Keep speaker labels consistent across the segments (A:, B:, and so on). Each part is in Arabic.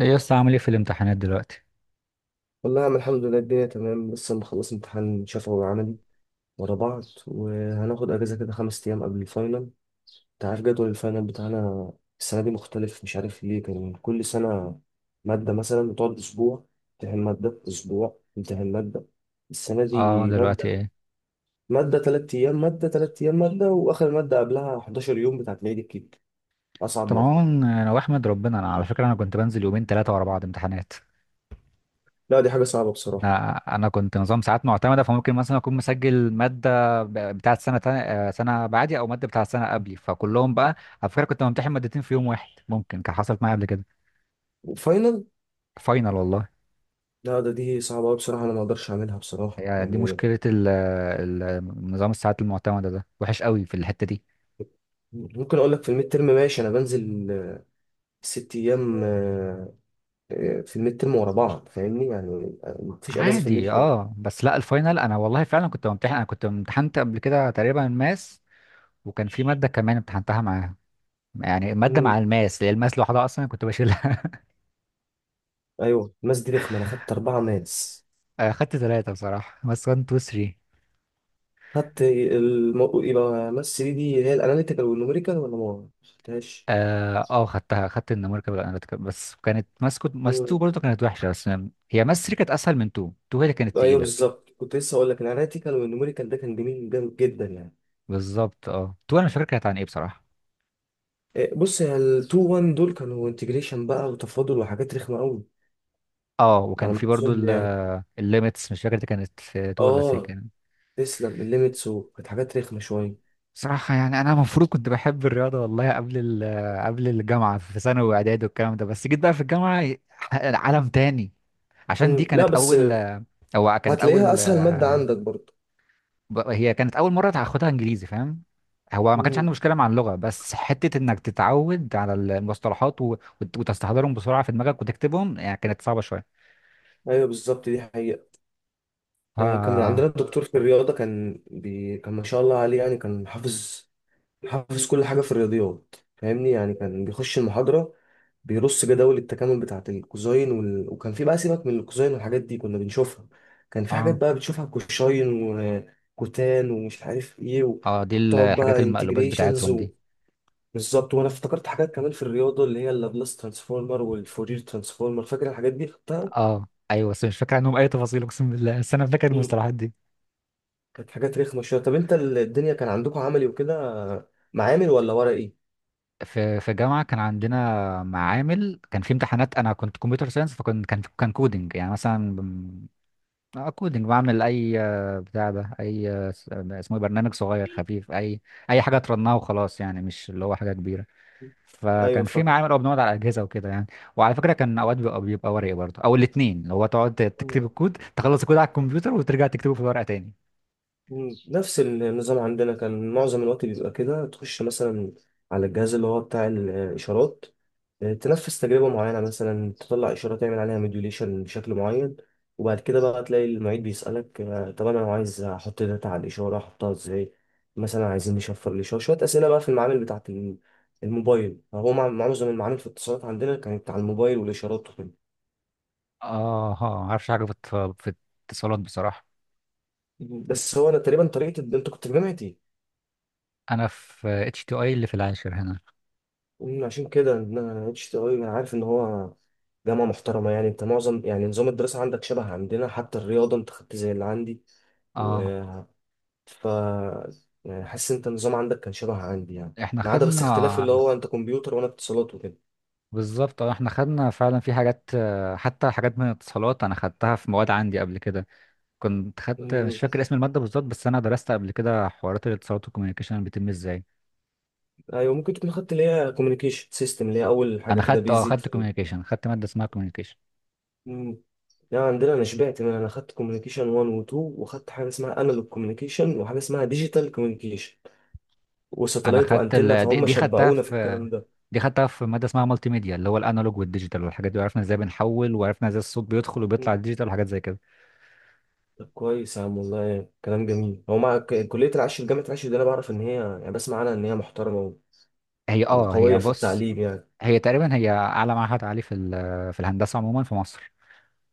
A: ايه يا اسطى، عامل ايه في الامتحانات دلوقتي؟
B: والله يا عم، الحمد لله الدنيا تمام. لسه مخلص امتحان شفوي وعملي ورا بعض، وهناخد اجازه كده خمس ايام قبل الفاينل. انت عارف جدول الفاينل بتاعنا السنه دي مختلف، مش عارف ليه. كان كل سنه ماده مثلا بتقعد اسبوع، امتحان ماده اسبوع امتحان ماده. السنه
A: اه،
B: دي
A: دلوقتي
B: ماده
A: ايه؟
B: ماده ثلاث ايام، ماده ثلاث ايام، ماده، واخر ماده قبلها 11 يوم بتاعت العيد الكبير، اصعب ماده.
A: طبعا، انا واحمد ربنا. انا على فكره انا كنت بنزل يومين ثلاثه ورا بعض امتحانات.
B: لا دي حاجه صعبه بصراحه.
A: انا كنت نظام ساعات معتمده، فممكن مثلا اكون مسجل ماده بتاعت سنه تانية، سنه بعدي، او ماده بتاعت سنه قبلي، فكلهم بقى. على فكره كنت بمتحن مادتين في يوم واحد، ممكن كان حصلت معايا قبل كده.
B: وفاينل؟
A: فاينل والله.
B: لا ده دي صعبه أوي بصراحه، انا ما اقدرش اعملها بصراحه
A: يعني دي
B: يعني.
A: مشكله نظام الساعات المعتمده ده وحش قوي في الحته دي.
B: ممكن اقول لك في الميد ترم ماشي، انا بنزل ست ايام في الميد ترم ورا بعض، فاهمني يعني. مفيش اجازه في
A: عادي،
B: الميد ترم.
A: اه، بس لا الفاينل، انا والله فعلا كنت بمتحن، انا كنت امتحنت قبل كده تقريبا ماس، وكان في مادة كمان امتحنتها معاها. يعني مادة
B: مم.
A: مع الماس، اللي الماس لوحدها أصلا كنت بشيلها.
B: ايوه، ماس دي رخمه، انا خدت اربعه ماس.
A: خدت ثلاثة بصراحة، ماس 1 2 3.
B: يبقى ماس دي اللي هي الاناليتيكال والنوميريكال، ولا ما خدتهاش؟
A: خدت النوميريكال والاناليتيكال، بس كانت ماس. كنت ماس 2
B: مم.
A: برضه كانت وحشة، بس هي ماس 3 كانت أسهل من 2. 2 هي اللي كانت
B: ايوه
A: تقيلة.
B: بالظبط، كنت لسه اقول لك الاناليتيكال والنوميريكال ده كان جميل جامد جدا يعني.
A: بالظبط، 2، أنا مش فاكر كانت عن إيه بصراحة.
B: بص يا 2 1 دول كانوا انتجريشن بقى وتفاضل وحاجات رخمه قوي،
A: اه وكان
B: على ما
A: في برضه
B: اظن يعني.
A: الليميتس، مش فاكر دي كانت 2 ولا
B: اه
A: 3.
B: تسلم، الليميتس وكانت حاجات رخمه شويه.
A: صراحة يعني أنا المفروض كنت بحب الرياضة والله قبل قبل الجامعة، في ثانوي وإعدادي والكلام ده، بس جيت بقى في الجامعة عالم تاني. عشان دي
B: مم. لا
A: كانت
B: بس
A: أول، أو كانت
B: هتلاقيها
A: أول
B: اسهل ماده عندك برضه.
A: هي كانت أول مرة هاخدها إنجليزي، فاهم؟ هو ما كانش عندي
B: مم.
A: مشكلة مع اللغة، بس حتة إنك تتعود على المصطلحات وتستحضرهم بسرعة في دماغك وتكتبهم، يعني كانت صعبة شوية،
B: ايوه بالظبط، دي حقيقة.
A: ف
B: كان من عندنا الدكتور في الرياضة كان كان ما شاء الله عليه يعني، كان حافظ حافظ كل حاجة في الرياضيات، فاهمني يعني. كان بيخش المحاضرة بيرص جداول التكامل بتاعة الكوزاين وكان في بقى، سيبك من الكوزاين والحاجات دي كنا بنشوفها. كان في حاجات بقى بتشوفها كوشاين وكوتان ومش عارف ايه،
A: دي
B: وتقعد
A: الحاجات
B: بقى
A: المقلوبات
B: انتجريشنز.
A: بتاعتهم دي.
B: بالظبط، وانا افتكرت حاجات كمان في الرياضه اللي هي اللابلاس ترانسفورمر والفورير ترانسفورمر، فاكر الحاجات دي؟ خدتها.
A: آه أيوة، بس مش فاكر عنهم أي تفاصيل، أقسم بالله، بس أنا فاكر
B: مم.
A: المصطلحات دي.
B: كانت حاجات رخمه شويه. طب انت الدنيا كان عندكم عملي وكده، معامل ولا ورقي؟
A: في جامعة كان عندنا معامل، كان في امتحانات، انا كنت كمبيوتر ساينس، فكان كان كان كودنج يعني، مثلا كودنج، بعمل اي، بتاع ده، اي، اسمه إيه، برنامج صغير خفيف، اي اي حاجة ترنها وخلاص يعني، مش اللي هو حاجة كبيرة.
B: ايوه
A: فكان في
B: فاهم.
A: معامل، او بنقعد على اجهزة وكده يعني. وعلى فكرة كان اوقات بيبقى ورقي برضه، او الاثنين، اللي هو تقعد تكتب
B: مم.
A: الكود، تخلص الكود على الكمبيوتر وترجع تكتبه في الورقة تاني.
B: مم. نفس النظام عندنا، كان معظم الوقت بيبقى كده. تخش مثلا على الجهاز اللي هو بتاع الإشارات، تنفذ تجربة معينة، مثلا تطلع إشارة تعمل عليها موديوليشن بشكل معين. وبعد كده بقى تلاقي المعيد بيسألك، طب أنا عايز أحط داتا على الإشارة، أحطها إزاي؟ مثلا عايزين نشفر الإشارة. شوية أسئلة بقى في المعامل بتاعة الموبايل، هو معظم المعامل في الاتصالات عندنا كانت على الموبايل والإشارات وكده.
A: اه ها ما اعرفش حاجة في في الاتصالات بصراحة.
B: بس هو أنا تقريبا طريقة، أنت كنت في جامعتي.
A: انا في اتش تي اي اللي في العاشر هنا.
B: عشان كده إن أنا اتش تي أي، أنا عارف إن هو جامعة محترمة يعني. أنت معظم يعني نظام الدراسة عندك شبه عندنا، حتى الرياضة أنت خدت زي اللي عندي.
A: اه،
B: ف يعني حاسس انت النظام عندك كان شبه عندي يعني،
A: احنا
B: ما عدا بس
A: خدنا.
B: اختلاف اللي هو انت كمبيوتر وانا اتصالات وكده.
A: بالظبط، اه، احنا خدنا فعلا في حاجات، حتى حاجات من الاتصالات انا خدتها في مواد عندي قبل كده. كنت خدت، مش
B: مم.
A: فاكر اسم المادة بالظبط، بس انا درست قبل كده حوارات الاتصالات والكوميونيكيشن بتتم ازاي.
B: ايوه، ممكن تكون خدت اللي هي كوميونيكيشن سيستم، اللي هي اول حاجه
A: انا
B: كده
A: خدت،
B: بيزك
A: خدت
B: في...
A: كوميونيكيشن، خدت مادة اسمها كوميونيكيشن.
B: مم. لا عندنا انا شبعت من انا، خدت كوميونيكيشن 1 و 2، وخدت حاجه اسمها انالوج كوميونيكيشن، وحاجه اسمها ديجيتال كوميونيكيشن،
A: انا
B: وساتلايت
A: خدت
B: وانتنه،
A: ال... دي,
B: فهم
A: دي خدتها
B: شبعونا في
A: في
B: الكلام ده.
A: دي خدتها في مادة اسمها مالتي ميديا، اللي هو الانالوج والديجيتال والحاجات دي، وعرفنا ازاي بنحول، وعرفنا ازاي الصوت بيدخل وبيطلع
B: مم.
A: الديجيتال وحاجات زي كده.
B: طب كويس يا عم والله، كلام جميل. هو مع كليه العاشر، جامعه العاشر دي انا بعرف ان هي يعني، بسمع عنها ان هي محترمه و-
A: هي
B: وقويه في
A: بص،
B: التعليم يعني.
A: هي تقريبا اعلى معهد عالي في في الهندسة عموما في مصر.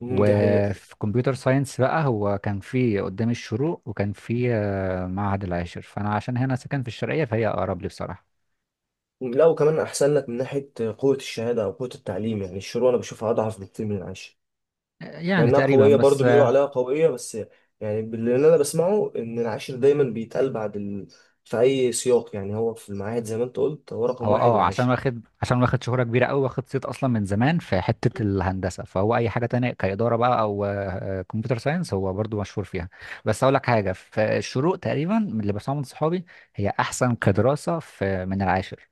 B: مم، دي حقيقة.
A: وفي كمبيوتر ساينس بقى، هو كان في قدام الشروق، وكان في معهد العاشر، فانا عشان هنا ساكن في الشرقيه فهي اقرب لي بصراحه.
B: لا وكمان أحسن لك من ناحية قوة الشهادة أو قوة التعليم يعني، الشروق أنا بشوفها أضعف بكتير من العاشر، مع
A: يعني
B: إنها
A: تقريبا،
B: قوية
A: بس
B: برضو، بيقولوا عليها قوية بس. يعني اللي أنا بسمعه إن العاشر دايما بيتقال بعد في أي سياق يعني. هو في المعاهد زي ما أنت قلت، هو رقم
A: هو
B: واحد
A: عشان
B: العاشر.
A: واخد شهره كبيره قوي، واخد صيت اصلا من زمان في حته الهندسه، فهو اي حاجه تانية كاداره بقى، او كمبيوتر ساينس هو برضو مشهور فيها. بس اقول لك حاجه، في الشروق تقريبا من اللي بسمعه من صحابي، هي احسن كدراسه في من العاشر،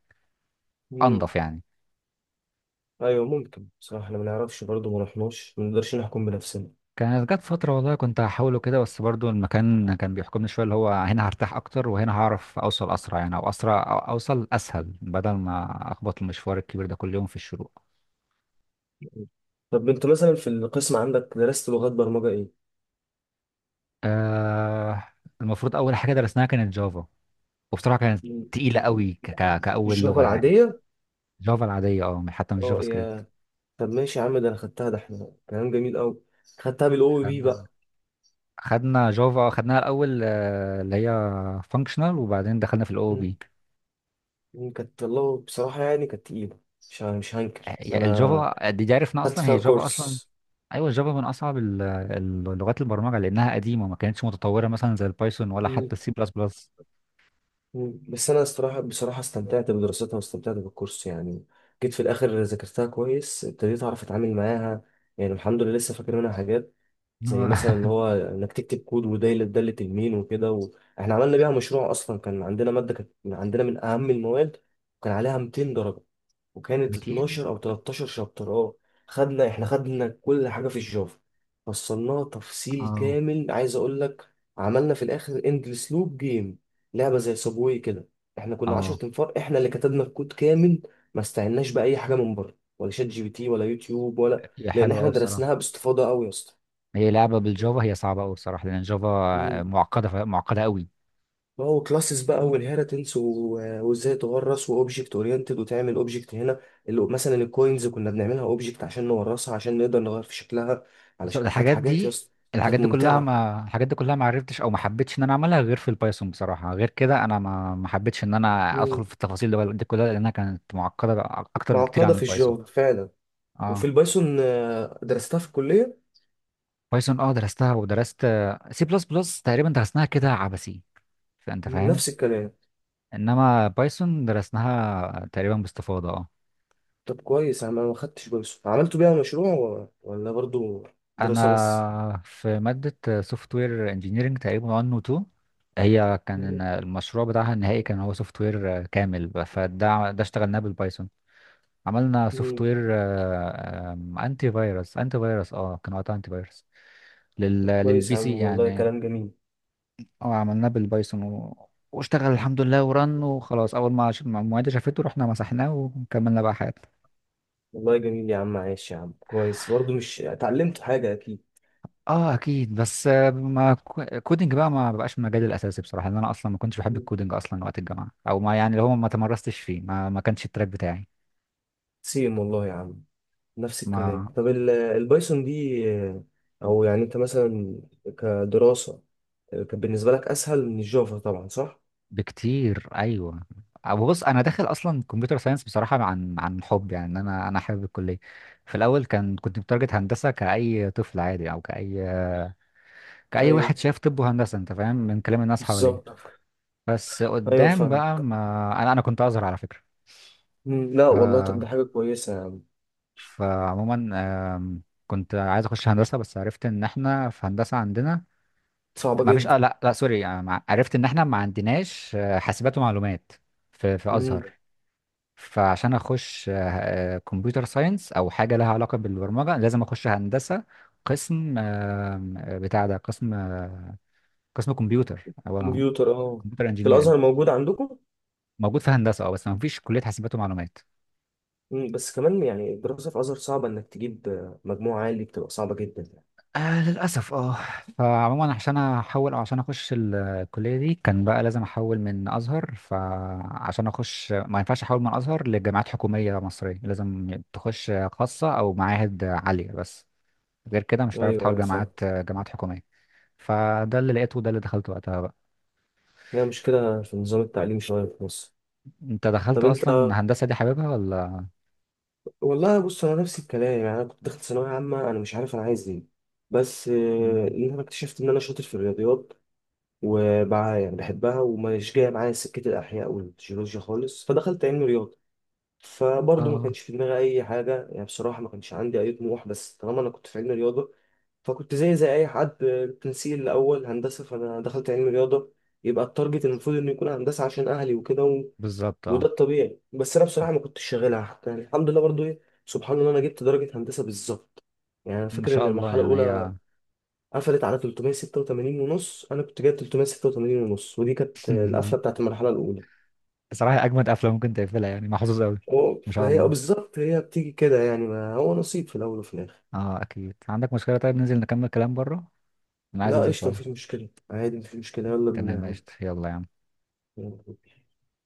B: مم.
A: انضف يعني.
B: أيوه ممكن، بصراحة إحنا ما نعرفش برضو، ما رحناش، ما نقدرش نحكم بنفسنا.
A: كانت جت فترة والله كنت هحاوله كده، بس برضو المكان كان بيحكمني شوية، اللي هو هنا هرتاح أكتر وهنا هعرف أوصل أسرع، يعني أو أسرع أو أوصل أسهل، بدل ما أخبط المشوار الكبير ده كل يوم في الشروق.
B: طب أنت مثلا في القسم عندك درست لغات برمجة إيه؟
A: آه المفروض أول حاجة درسناها كانت جافا، وبصراحة كانت
B: مم.
A: تقيلة قوي ك ك كأول
B: الجافا
A: لغة يعني.
B: العادية؟
A: جافا العادية، حتى مش
B: أه
A: جافا سكريبت.
B: يا. طب ماشي يا عم، ده انا خدتها، ده احنا كلام جميل قوي. خدتها بالاو بي
A: خدنا
B: بقى.
A: خدنا جافا، خدناها الأول، اللي هي فانكشنال، وبعدين دخلنا في الأو
B: مم.
A: بي.
B: مم. كانت والله بصراحه يعني كانت تقيله، مش هنكر انا،
A: الجافا دي، عرفنا
B: خدت
A: أصلا هي
B: فيها
A: جافا أصلا.
B: كورس.
A: ايوه، جافا من اصعب لغات البرمجه، لانها قديمه، ما كانتش متطوره مثلا زي البايثون ولا
B: مم.
A: حتى السي بلس بلس.
B: مم. بس انا بصراحه استمتعت بدراستها واستمتعت بالكورس يعني. جيت في الاخر ذاكرتها كويس، ابتديت اعرف اتعامل معاها يعني. الحمد لله لسه فاكر منها حاجات، زي مثلا ان هو انك تكتب كود، وده اللي تلمين وكده. واحنا عملنا بيها مشروع، اصلا كان عندنا ماده كانت عندنا من اهم المواد، وكان عليها 200 درجه، وكانت
A: 200.
B: 12 او 13 شابتر. اه احنا خدنا كل حاجه في الجافا، فصلناها تفصيل
A: اه
B: كامل، عايز اقول لك. عملنا في الاخر اندلس لوب جيم، لعبه زي صابواي كده. احنا كنا 10
A: اه
B: تنفار احنا اللي كتبنا الكود كامل، ما استعناش باي حاجه من بره، ولا شات جي بي تي، ولا يوتيوب ولا...
A: هي
B: لان
A: حلوه
B: احنا
A: قوي بصراحه.
B: درسناها باستفاضه قوي يا اسطى.
A: هي لعبه بالجافا، هي صعبه قوي بصراحه، لان الجافا معقده معقده قوي.
B: اه، وكلاسز بقى والهيرتنس وازاي تورث، واوبجكت اورينتد، وتعمل اوبجكت هنا اللي مثلا الكوينز كنا بنعملها اوبجكت عشان نورثها، عشان نقدر نغير في شكلها.
A: بس
B: علشان كانت
A: الحاجات
B: حاجات يا
A: دي،
B: اسطى كانت ممتعه.
A: الحاجات دي كلها ما عرفتش او ما حبيتش ان انا اعملها غير في البايثون بصراحه، غير كده انا ما حبيتش ان انا ادخل
B: مم.
A: في التفاصيل دي كلها لانها كانت معقده، اكتر بكتير
B: معقده
A: عن
B: في
A: البايثون.
B: الجافا فعلا. وفي
A: اه
B: البايثون درستها في الكليه.
A: بايثون، درستها، ودرست سي بلس بلس تقريبا درسناها كده عبثي، فانت
B: مم،
A: فاهم.
B: نفس الكلام.
A: انما بايثون درسناها تقريبا باستفاضه، اه.
B: طب كويس، انا ما خدتش بايثون. عملتوا بيها مشروع ولا برضو دراسه بس؟
A: انا في ماده سوفت وير انجينيرنج تقريبا 1 و 2، هي كان
B: مم.
A: المشروع بتاعها النهائي كان هو سوفت وير كامل، فده اشتغلناه بالبايثون. عملنا سوفت
B: مم.
A: وير انتي فيروس، كان وقتها انتي فيروس
B: طب كويس
A: للبي
B: يا
A: سي
B: عم والله،
A: يعني.
B: كلام جميل.
A: اه، عملناه بالبايثون واشتغل الحمد لله، ورن وخلاص. اول ما المعيدة شافته رحنا مسحناه وكملنا بقى حياتنا.
B: والله جميل يا عم، عايش يا عم كويس برضو، مش اتعلمت حاجة أكيد.
A: اه اكيد، بس آه، ما كو- كودينج بقى ما بقاش مجالي الاساسي بصراحة، لان انا اصلا ما كنتش بحب الكودينج اصلا وقت الجامعة، او ما يعني اللي هو ما تمرستش فيه، ما كانش التراك بتاعي.
B: سيم والله يا عم، نفس الكلام.
A: ما
B: طب البايثون دي، او يعني انت مثلا كدراسة، كان بالنسبة لك اسهل من الجافا طبعا، صح؟
A: بكتير، ايوه. أو بص، انا داخل اصلا كمبيوتر ساينس بصراحة عن حب يعني، إن انا حابب الكلية. في الاول كان كنت متارجت هندسة، كأي طفل عادي، او كأي واحد
B: ايوه
A: شايف، طب وهندسة انت فاهم من كلام الناس حواليه.
B: بالظبط.
A: بس
B: ايوه
A: قدام
B: فاهم.
A: بقى ما انا كنت ازهر على فكرة.
B: مم، لا
A: ف
B: والله طب ده حاجة كويسة يا عم.
A: فعموما، آم، كنت عايز اخش هندسة، بس عرفت ان احنا في هندسة عندنا
B: صعبة
A: ما فيش،
B: جدا.
A: لا لا سوري، عرفت ان احنا ما عندناش، حاسبات ومعلومات في
B: مم،
A: ازهر. فعشان اخش، كمبيوتر ساينس او حاجة لها علاقة بالبرمجة، لازم اخش هندسة قسم، آم، آه، بتاع ده قسم، قسم كمبيوتر، او
B: كمبيوتر اه.
A: كمبيوتر
B: في
A: انجينيرنج.
B: الازهر موجود عندكم؟
A: موجود في هندسه، اه، بس ما فيش كليه حاسبات ومعلومات.
B: مم، بس كمان يعني الدراسة في الازهر صعبة، انك تجيب مجموع عالي بتبقى صعبة جدا يعني.
A: للاسف، اه. فعموما عشان احول او عشان اخش الكليه دي، كان بقى لازم احول من ازهر، فعشان اخش ما ينفعش احول من ازهر لجامعات حكوميه مصريه، لازم تخش خاصه او معاهد عاليه بس. غير كده مش
B: ايوه
A: هتعرف تحول
B: ايوه
A: جامعات،
B: فاهم.
A: حكوميه. فده اللي لقيته، وده اللي دخلته وقتها بقى.
B: هي مشكلة في نظام التعليم شوية في مصر.
A: انت دخلت
B: طب انت،
A: اصلا هندسه دي حاببها ولا؟
B: والله بص انا نفس الكلام يعني. انا كنت داخل ثانويه عامه انا مش عارف انا عايز ايه، بس
A: مم.
B: ان انا اكتشفت ان انا شاطر في الرياضيات وبع يعني بحبها، ومش جايه معايا سكه الاحياء والجيولوجيا خالص، فدخلت علم رياضه. فبرضه ما
A: اه،
B: كانش في دماغي اي حاجه يعني، بصراحه ما كانش عندي اي طموح، بس طالما انا كنت في علم رياضه، فكنت زي اي حد، تنسيق الاول هندسه، فانا دخلت علم رياضه، يبقى التارجت المفروض انه يكون هندسه عشان اهلي وكده،
A: بالظبط،
B: وده
A: اه.
B: الطبيعي. بس انا بصراحه ما كنتش شاغلها يعني. الحمد لله برضو ايه، سبحان الله، انا جبت درجه هندسه بالظبط. يعني انا
A: ما
B: فاكر ان
A: شاء الله
B: المرحله
A: يعني.
B: الاولى قفلت على 386 ونص، انا كنت جايب 386 ونص، ودي كانت
A: هي
B: القفله بتاعت المرحله الاولى.
A: بصراحة أجمد أفلام ممكن تقفلها، يعني محظوظ أوي. ما شاء
B: فهي اه
A: الله.
B: بالظبط، هي بتيجي كده يعني، ما هو نصيب في الاول وفي الاخر.
A: أكيد عندك مشكلة، طيب ننزل نكمل كلام بره، أنا عايز
B: لا
A: أنزل
B: قشطه، مفيش
A: شوية.
B: مشكله عادي، مفيش مشكله، يلا بينا يا
A: تمام
B: عم.
A: قشطة، يلا يا عم.
B: يلا.